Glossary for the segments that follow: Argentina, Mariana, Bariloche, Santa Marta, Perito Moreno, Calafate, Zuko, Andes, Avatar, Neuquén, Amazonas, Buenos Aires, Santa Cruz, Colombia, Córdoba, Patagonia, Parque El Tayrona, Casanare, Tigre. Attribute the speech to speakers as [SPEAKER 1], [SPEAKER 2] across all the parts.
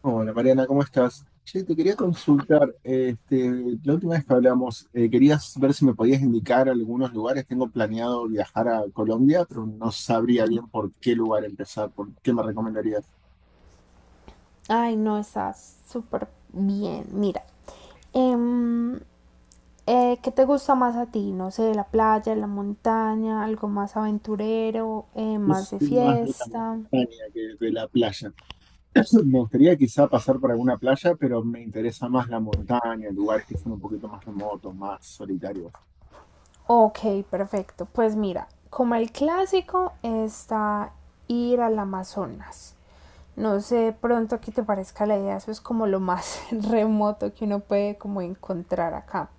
[SPEAKER 1] Hola Mariana, ¿cómo estás? Che, te quería consultar, la última vez que hablamos, querías ver si me podías indicar algunos lugares. Tengo planeado viajar a Colombia, pero no sabría bien por qué lugar empezar, por qué me recomendarías.
[SPEAKER 2] Ay, no, está súper bien. Mira, em, ¿qué te gusta más a ti? No sé, la playa, la montaña, algo más aventurero,
[SPEAKER 1] Yo
[SPEAKER 2] más de
[SPEAKER 1] soy más de la
[SPEAKER 2] fiesta.
[SPEAKER 1] montaña que de la playa. Me gustaría quizá pasar por alguna playa, pero me interesa más la montaña, lugares que son un poquito más remotos, más solitarios.
[SPEAKER 2] Ok, perfecto. Pues mira, como el clásico está ir al Amazonas. No sé de pronto qué te parezca la idea, eso es como lo más remoto que uno puede como encontrar acá.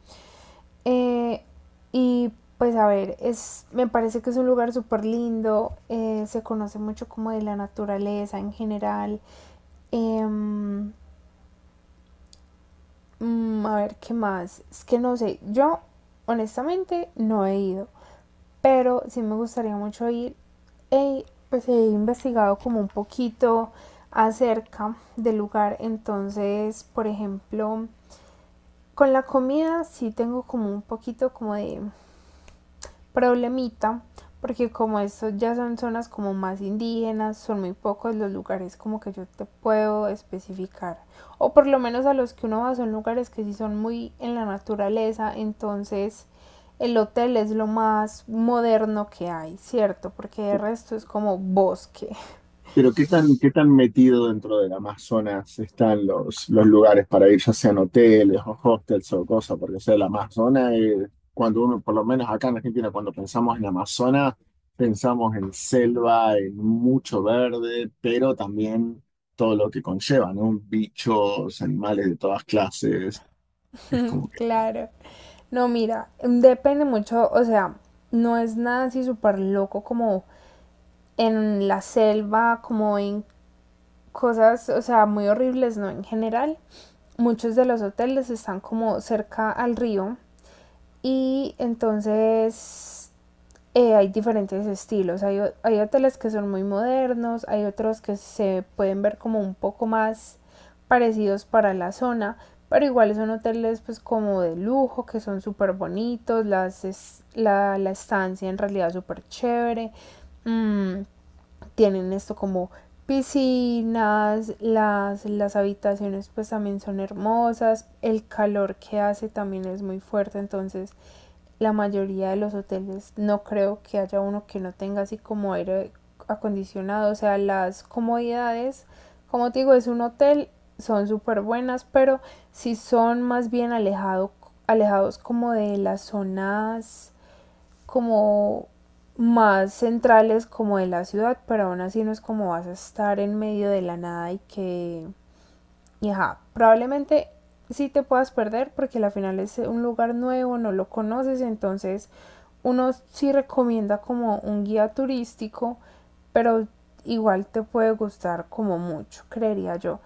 [SPEAKER 2] Eh, y pues a ver, es, me parece que es un lugar súper lindo, se conoce mucho como de la naturaleza en general. Em, a ver, ¿qué más? Es que no sé, yo honestamente no he ido, pero sí me gustaría mucho ir. He, pues he investigado como un poquito acerca del lugar. Entonces, por ejemplo, con la comida sí tengo como un poquito como de problemita, porque como esto ya son zonas como más indígenas, son muy pocos los lugares como que yo te puedo especificar. O por lo menos a los que uno va son lugares que sí son muy en la naturaleza, entonces el hotel es lo más moderno que hay, ¿cierto? Porque de resto es como bosque.
[SPEAKER 1] Pero ¿qué tan metido dentro del Amazonas están los lugares para ir, ya sean hoteles o hostels o cosas? Porque, o sea, el Amazonas, cuando uno, por lo menos acá en Argentina, cuando pensamos en Amazonas, pensamos en selva, en mucho verde, pero también todo lo que conlleva, ¿no? Bichos, animales de todas clases. Es como que,
[SPEAKER 2] Claro. No, mira, depende mucho, o sea, no es nada así súper loco como en la selva, como en cosas, o sea, muy horribles, ¿no? En general, muchos de los hoteles están como cerca al río y entonces hay diferentes estilos. Hay hoteles que son muy modernos, hay otros que se pueden ver como un poco más parecidos para la zona, pero igual son hoteles pues como de lujo, que son súper bonitos, las es, estancia en realidad súper chévere. Mm, Tienen esto como piscinas, las habitaciones pues también son hermosas, el calor que hace también es muy fuerte, entonces la mayoría de los hoteles no creo que haya uno que no tenga así como aire acondicionado, o sea, las comodidades, como te digo, es un hotel, son súper buenas, pero si son más bien alejados como de las zonas como más centrales como de la ciudad, pero aún así no es como vas a estar en medio de la nada y que... Y ajá, probablemente sí te puedas perder porque al final es un lugar nuevo, no lo conoces, entonces uno sí recomienda como un guía turístico, pero igual te puede gustar como mucho, creería yo.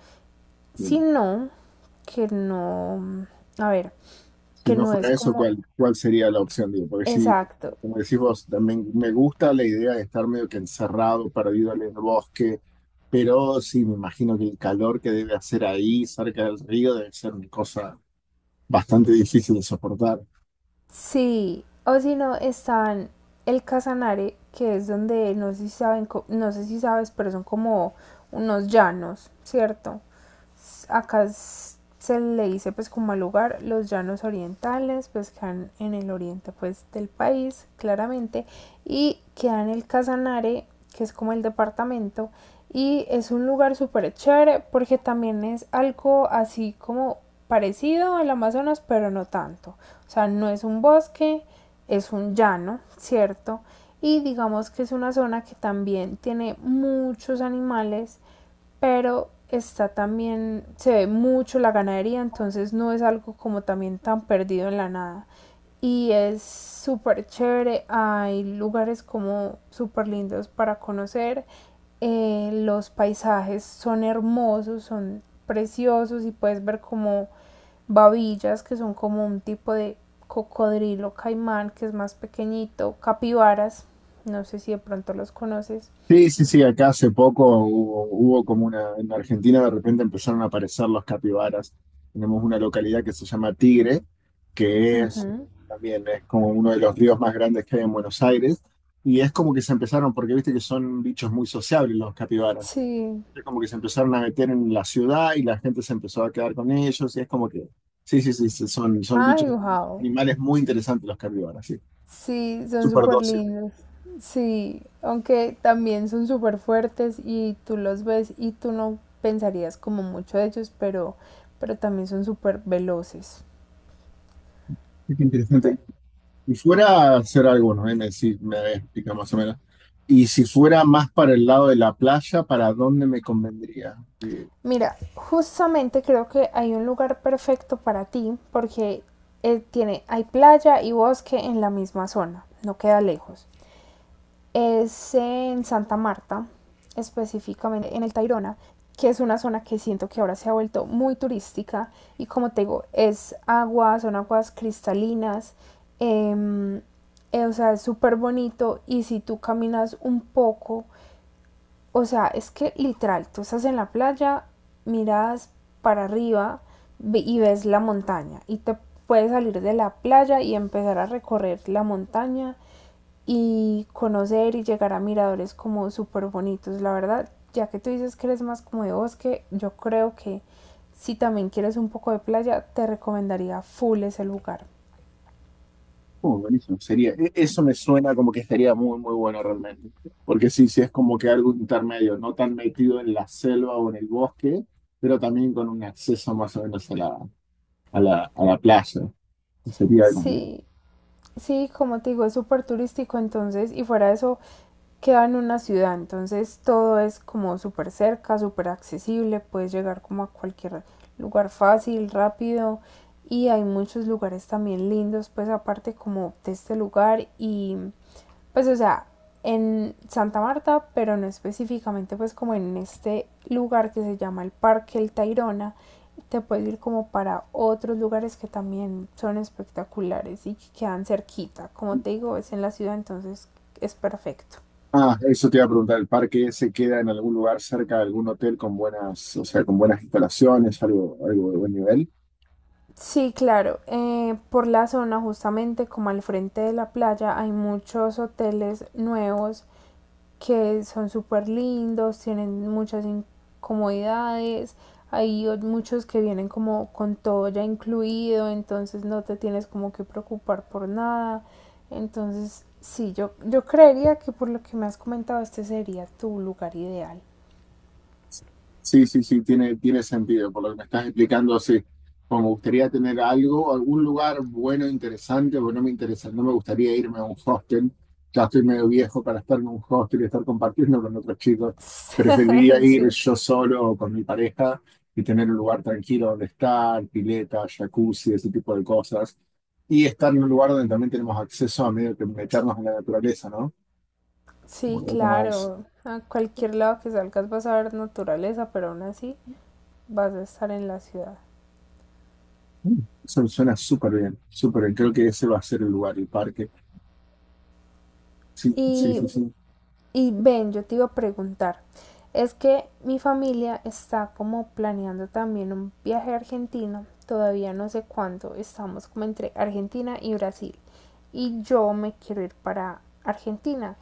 [SPEAKER 1] eh,
[SPEAKER 2] Si no, que no, a ver,
[SPEAKER 1] si
[SPEAKER 2] que
[SPEAKER 1] no
[SPEAKER 2] no es
[SPEAKER 1] fuera eso,
[SPEAKER 2] como
[SPEAKER 1] ¿cuál sería la opción? Digo, porque si
[SPEAKER 2] exacto.
[SPEAKER 1] como decís vos, también me gusta la idea de estar medio que encerrado, perdido en el bosque. Pero sí, me imagino que el calor que debe hacer ahí cerca del río debe ser una cosa bastante difícil de soportar.
[SPEAKER 2] Sí, o si no, están el Casanare, que es donde no sé si saben, no sé si sabes, pero son como unos llanos, ¿cierto? Acá se le dice pues como al lugar los llanos orientales, pues quedan en el oriente pues del país claramente y queda en el Casanare, que es como el departamento, y es un lugar súper chévere porque también es algo así como parecido al Amazonas, pero no tanto. O sea, no es un bosque, es un llano, ¿cierto? Y digamos que es una zona que también tiene muchos animales, pero está también, se ve mucho la ganadería, entonces no es algo como también tan perdido en la nada. Y es súper chévere, hay lugares como súper lindos para conocer, los paisajes son hermosos, son preciosos, y puedes ver como babillas, que son como un tipo de cocodrilo caimán que es más pequeñito, capibaras, no sé si de pronto los conoces.
[SPEAKER 1] Sí, sí, sí, acá hace poco hubo como una, en Argentina de repente empezaron a aparecer los capibaras. Tenemos una localidad que se llama Tigre, que es
[SPEAKER 2] Ujú.
[SPEAKER 1] también es como uno de los ríos más grandes que hay en Buenos Aires. Y es como que se empezaron, porque viste que son bichos muy sociables los capibaras.
[SPEAKER 2] Sí.
[SPEAKER 1] Como que se empezaron a meter en la ciudad y la gente se empezó a quedar con ellos y es como que, sí, sí, sí, sí, son
[SPEAKER 2] Ay,
[SPEAKER 1] bichos,
[SPEAKER 2] wow.
[SPEAKER 1] animales muy interesantes los carnívoros, sí,
[SPEAKER 2] Sí, son
[SPEAKER 1] súper
[SPEAKER 2] súper
[SPEAKER 1] dóciles.
[SPEAKER 2] lindos. Sí, aunque también son súper fuertes y tú los ves y tú no pensarías como mucho de ellos, pero también son súper veloces.
[SPEAKER 1] Sí, qué interesante.
[SPEAKER 2] Pe-
[SPEAKER 1] Y fuera a hacer algo, ¿no? Ahí me, me explica más o menos. Y si fuera más para el lado de la playa, ¿para dónde me convendría? Eh,
[SPEAKER 2] Mira, justamente creo que hay un lugar perfecto para ti porque tiene, hay playa y bosque en la misma zona, no queda lejos. Es en Santa Marta, específicamente en el Tayrona, que es una zona que siento que ahora se ha vuelto muy turística, y como te digo, es agua, son aguas cristalinas. eh, o sea, es súper bonito, y si tú caminas un poco, o sea, es que literal, tú estás en la playa, miras para arriba y ves la montaña, y te puedes salir de la playa y empezar a recorrer la montaña y conocer y llegar a miradores como súper bonitos. La verdad, ya que tú dices que eres más como de bosque, yo creo que si también quieres un poco de playa, te recomendaría full ese lugar.
[SPEAKER 1] oh, buenísimo, sería, eso me suena como que sería muy, muy bueno realmente. Porque sí, sí, es como que algo intermedio, no tan metido en la selva o en el bosque, pero también con un acceso más o menos a a la playa. Sería como que...
[SPEAKER 2] Sí, sí, como te digo, es súper turístico, entonces, y fuera de eso, queda en una ciudad, entonces todo es como súper cerca, súper accesible, puedes llegar como a cualquier lugar fácil, rápido, y hay muchos lugares también lindos, pues aparte como de este lugar. Y pues o sea, en Santa Marta, pero no específicamente pues como en este lugar que se llama el Parque El Tayrona, te puedes ir como para otros lugares que también son espectaculares y que quedan cerquita. Como te digo, es en la ciudad, entonces es perfecto.
[SPEAKER 1] Ah, eso te iba a preguntar, ¿el parque ese queda en algún lugar cerca de algún hotel con buenas, o sea, con buenas instalaciones, algo, algo de buen nivel?
[SPEAKER 2] Sí, claro. Por la zona, justamente como al frente de la playa, hay muchos hoteles nuevos que son súper lindos, tienen muchas incomodidades, hay muchos que vienen como con todo ya incluido, entonces no te tienes como que preocupar por nada. Entonces, sí, yo creería que por lo que me has comentado, este sería tu lugar ideal.
[SPEAKER 1] Sí, sí, sí, tiene sentido por lo que me estás explicando. Sí, como me gustaría tener algo, algún lugar bueno, interesante, porque no me interesa, no me gustaría irme a un hostel. Ya estoy medio viejo para estar en un hostel y estar compartiendo con otros chicos. Preferiría ir
[SPEAKER 2] Sí,
[SPEAKER 1] yo solo o con mi pareja y tener un lugar tranquilo donde estar, pileta, jacuzzi, ese tipo de cosas. Y estar en un lugar donde también tenemos acceso a medio que meternos en la naturaleza, ¿no?
[SPEAKER 2] sí,
[SPEAKER 1] Un poco más.
[SPEAKER 2] claro. A cualquier lado que salgas vas a ver naturaleza, pero aún así vas a estar en la ciudad.
[SPEAKER 1] Mm, eso suena súper bien, súper bien. Creo que ese va a ser el lugar, el parque. Sí, sí,
[SPEAKER 2] Y
[SPEAKER 1] sí, sí.
[SPEAKER 2] Y ven, yo te iba a preguntar, es que mi familia está como planeando también un viaje a Argentina, todavía no sé cuándo, estamos como entre Argentina y Brasil. Y yo me quiero ir para Argentina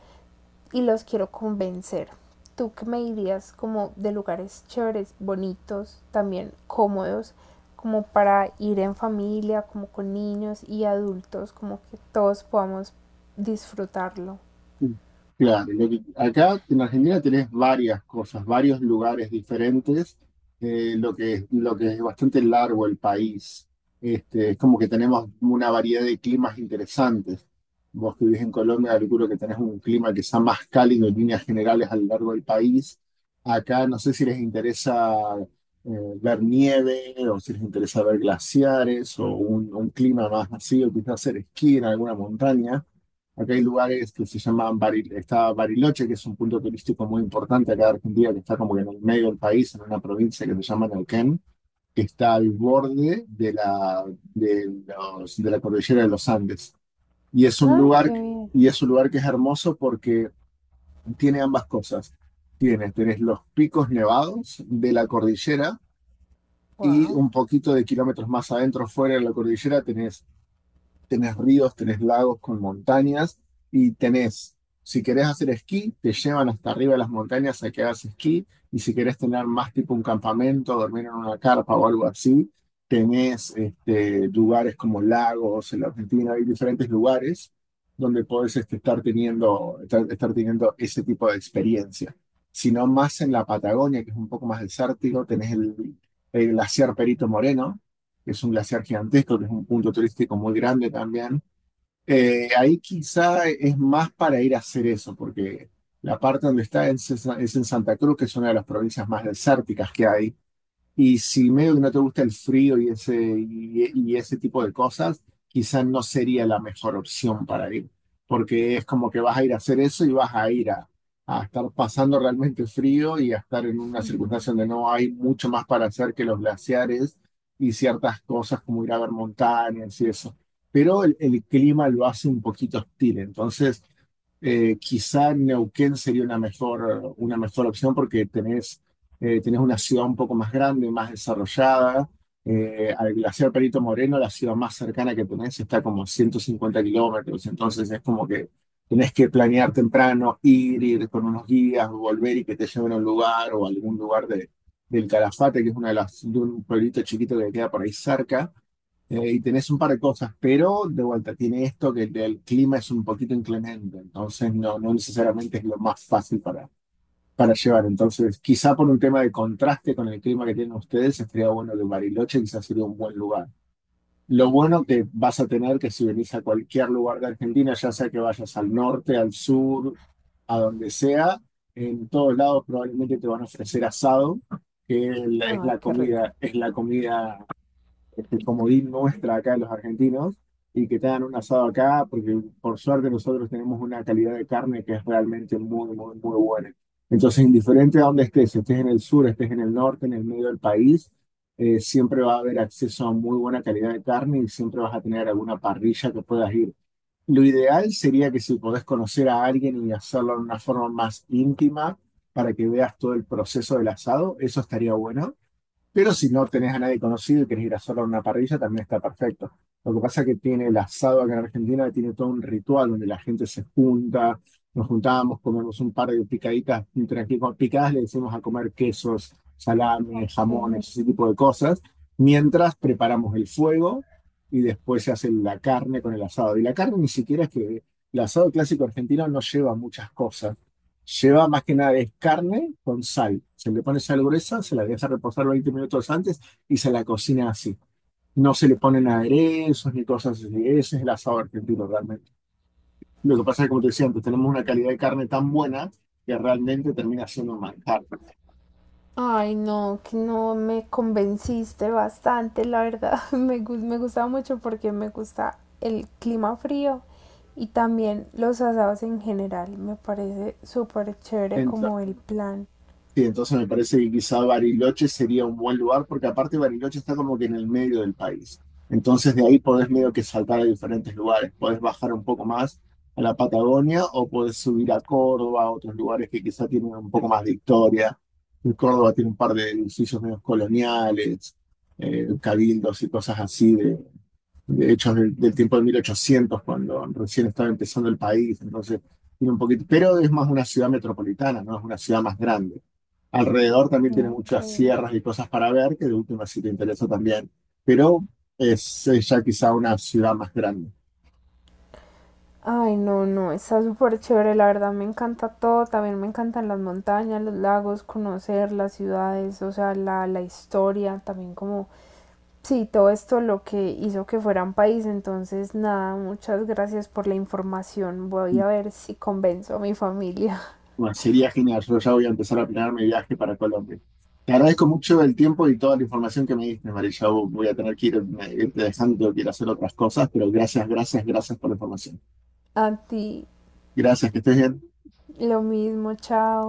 [SPEAKER 2] y los quiero convencer. ¿Tú qué me dirías como de lugares chéveres, bonitos, también cómodos, como para ir en familia, como con niños y adultos, como que todos podamos disfrutarlo?
[SPEAKER 1] Mm, claro, acá en Argentina tenés varias cosas, varios lugares diferentes, lo que es bastante largo el país. Este, es como que tenemos una variedad de climas interesantes. Vos que vivís en Colombia, calculo que tenés un clima que sea más cálido en líneas generales a lo largo del país. Acá no sé si les interesa eh, ver nieve o si les interesa ver glaciares o un clima más así, o quizás hacer esquí en alguna montaña. Acá hay lugares que se llaman está Bariloche, que es un punto turístico muy importante acá de Argentina, que está como que en el medio del país, en una provincia que se llama Neuquén, que está al borde de de de la cordillera de los Andes. Y es un lugar, y es un lugar que es hermoso porque tiene ambas cosas. Tenés los picos nevados de la cordillera y
[SPEAKER 2] ¡Wow!
[SPEAKER 1] un poquito de kilómetros más adentro, fuera de la cordillera, tenés ríos, tenés lagos con montañas y tenés, si querés hacer esquí, te llevan hasta arriba de las montañas a que hagas esquí, y si querés tener más tipo un campamento, dormir en una carpa o algo así, tenés este, lugares como lagos. En la Argentina hay diferentes lugares donde podés este, estar teniendo ese tipo de experiencia. Si no, más en la Patagonia, que es un poco más desértico, tenés el glaciar Perito Moreno, es un glaciar gigantesco, que es un punto turístico muy grande también. Ahí quizá es más para ir a hacer eso, porque la parte donde está es en Santa Cruz, que es una de las provincias más desérticas que hay. Y si medio que no te gusta el frío y y ese tipo de cosas, quizás no sería la mejor opción para ir, porque es como que vas a ir a hacer eso y vas a ir a estar pasando realmente frío y a estar en una circunstancia donde no hay mucho más para hacer que los glaciares y ciertas cosas como ir a ver montañas y eso. Pero el clima lo hace un poquito hostil, entonces quizá Neuquén sería una mejor opción porque tenés tienes una ciudad un poco más grande, más desarrollada. Al glaciar Perito Moreno, la ciudad más cercana que tenés está como a 150 kilómetros, entonces es como que tenés que planear temprano, ir con unos guías, volver y que te lleven a un lugar o a algún lugar del Calafate, que es una de las, de un pueblito chiquito que queda por ahí cerca. Y tenés un par de cosas, pero de vuelta tiene esto que el clima es un poquito inclemente, entonces no, no necesariamente es lo más fácil para llevar. Entonces, quizá por un tema de contraste con el clima que tienen ustedes, estaría bueno que Bariloche quizás sería un buen lugar. Lo bueno que vas a tener que si venís a cualquier lugar de Argentina, ya sea que vayas al norte, al sur, a donde sea, en todos lados probablemente te van a ofrecer asado, que
[SPEAKER 2] Ay, qué rico.
[SPEAKER 1] es la comida este comodín nuestra acá de los argentinos, y que te hagan un asado acá, porque por suerte nosotros tenemos una calidad de carne que es realmente muy, muy, muy buena. Entonces, indiferente a dónde estés, si estés en el sur, estés en el norte, en el medio del país, siempre va a haber acceso a muy buena calidad de carne y siempre vas a tener alguna parrilla que puedas ir. Lo ideal sería que si podés conocer a alguien y hacerlo de una forma más íntima para que veas todo el proceso del asado, eso estaría bueno. Pero si no tenés a nadie conocido y querés ir a solo a una parrilla, también está perfecto. Lo que pasa es que tiene el asado acá en Argentina, tiene todo un ritual donde la gente se junta, nos juntamos, comemos un par de picaditas, entre aquí con picadas le decimos a comer quesos, salame,
[SPEAKER 2] Ok.
[SPEAKER 1] jamones, ese tipo de cosas, mientras preparamos el fuego y después se hace la carne con el asado. Y la carne ni siquiera es que el asado clásico argentino no lleva muchas cosas. Lleva más que nada es carne con sal. Se le pone sal gruesa, se la deja reposar 20 minutos antes y se la cocina así. No se le ponen aderezos ni cosas así. Ese es el asado argentino realmente. Lo que pasa es que, como te decía antes, tenemos una calidad de carne tan buena que realmente termina siendo un manjar.
[SPEAKER 2] Ay, no, que no me convenciste bastante, la verdad. Me gusta mucho porque me gusta el clima frío y también los asados en general. Me parece súper chévere como el plan.
[SPEAKER 1] Sí, entonces me parece que quizá Bariloche sería un buen lugar, porque aparte Bariloche está como que en el medio del país. Entonces de ahí podés medio que saltar a diferentes lugares. Podés bajar un poco más a la Patagonia o podés subir a Córdoba, a otros lugares que quizá tienen un poco más de historia. En Córdoba tiene un par de edificios medio coloniales, cabildos y cosas así, de hechos del tiempo de 1800, cuando recién estaba empezando el país. Entonces tiene un poquito, pero es más una ciudad metropolitana, no es una ciudad más grande. Alrededor también tiene
[SPEAKER 2] Ok.
[SPEAKER 1] muchas sierras y cosas para ver, que de última si te interesa también. Pero es ya quizá una ciudad más grande.
[SPEAKER 2] Ay, no, no, está súper chévere, la verdad me encanta todo, también me encantan las montañas, los lagos, conocer las ciudades, o sea, la historia, también como sí, todo esto lo que hizo que fuera un país, entonces nada, muchas gracias por la información. Voy a ver si convenzo a mi familia.
[SPEAKER 1] Bueno, sería genial. Yo ya voy a empezar a planear mi viaje para Colombia. Te agradezco mucho el tiempo y toda la información que me diste, María. Voy a tener que irte dejando, quiero hacer otras cosas, pero gracias, gracias, gracias por la información.
[SPEAKER 2] A ti,
[SPEAKER 1] Gracias, que estés bien.
[SPEAKER 2] lo mismo, chao.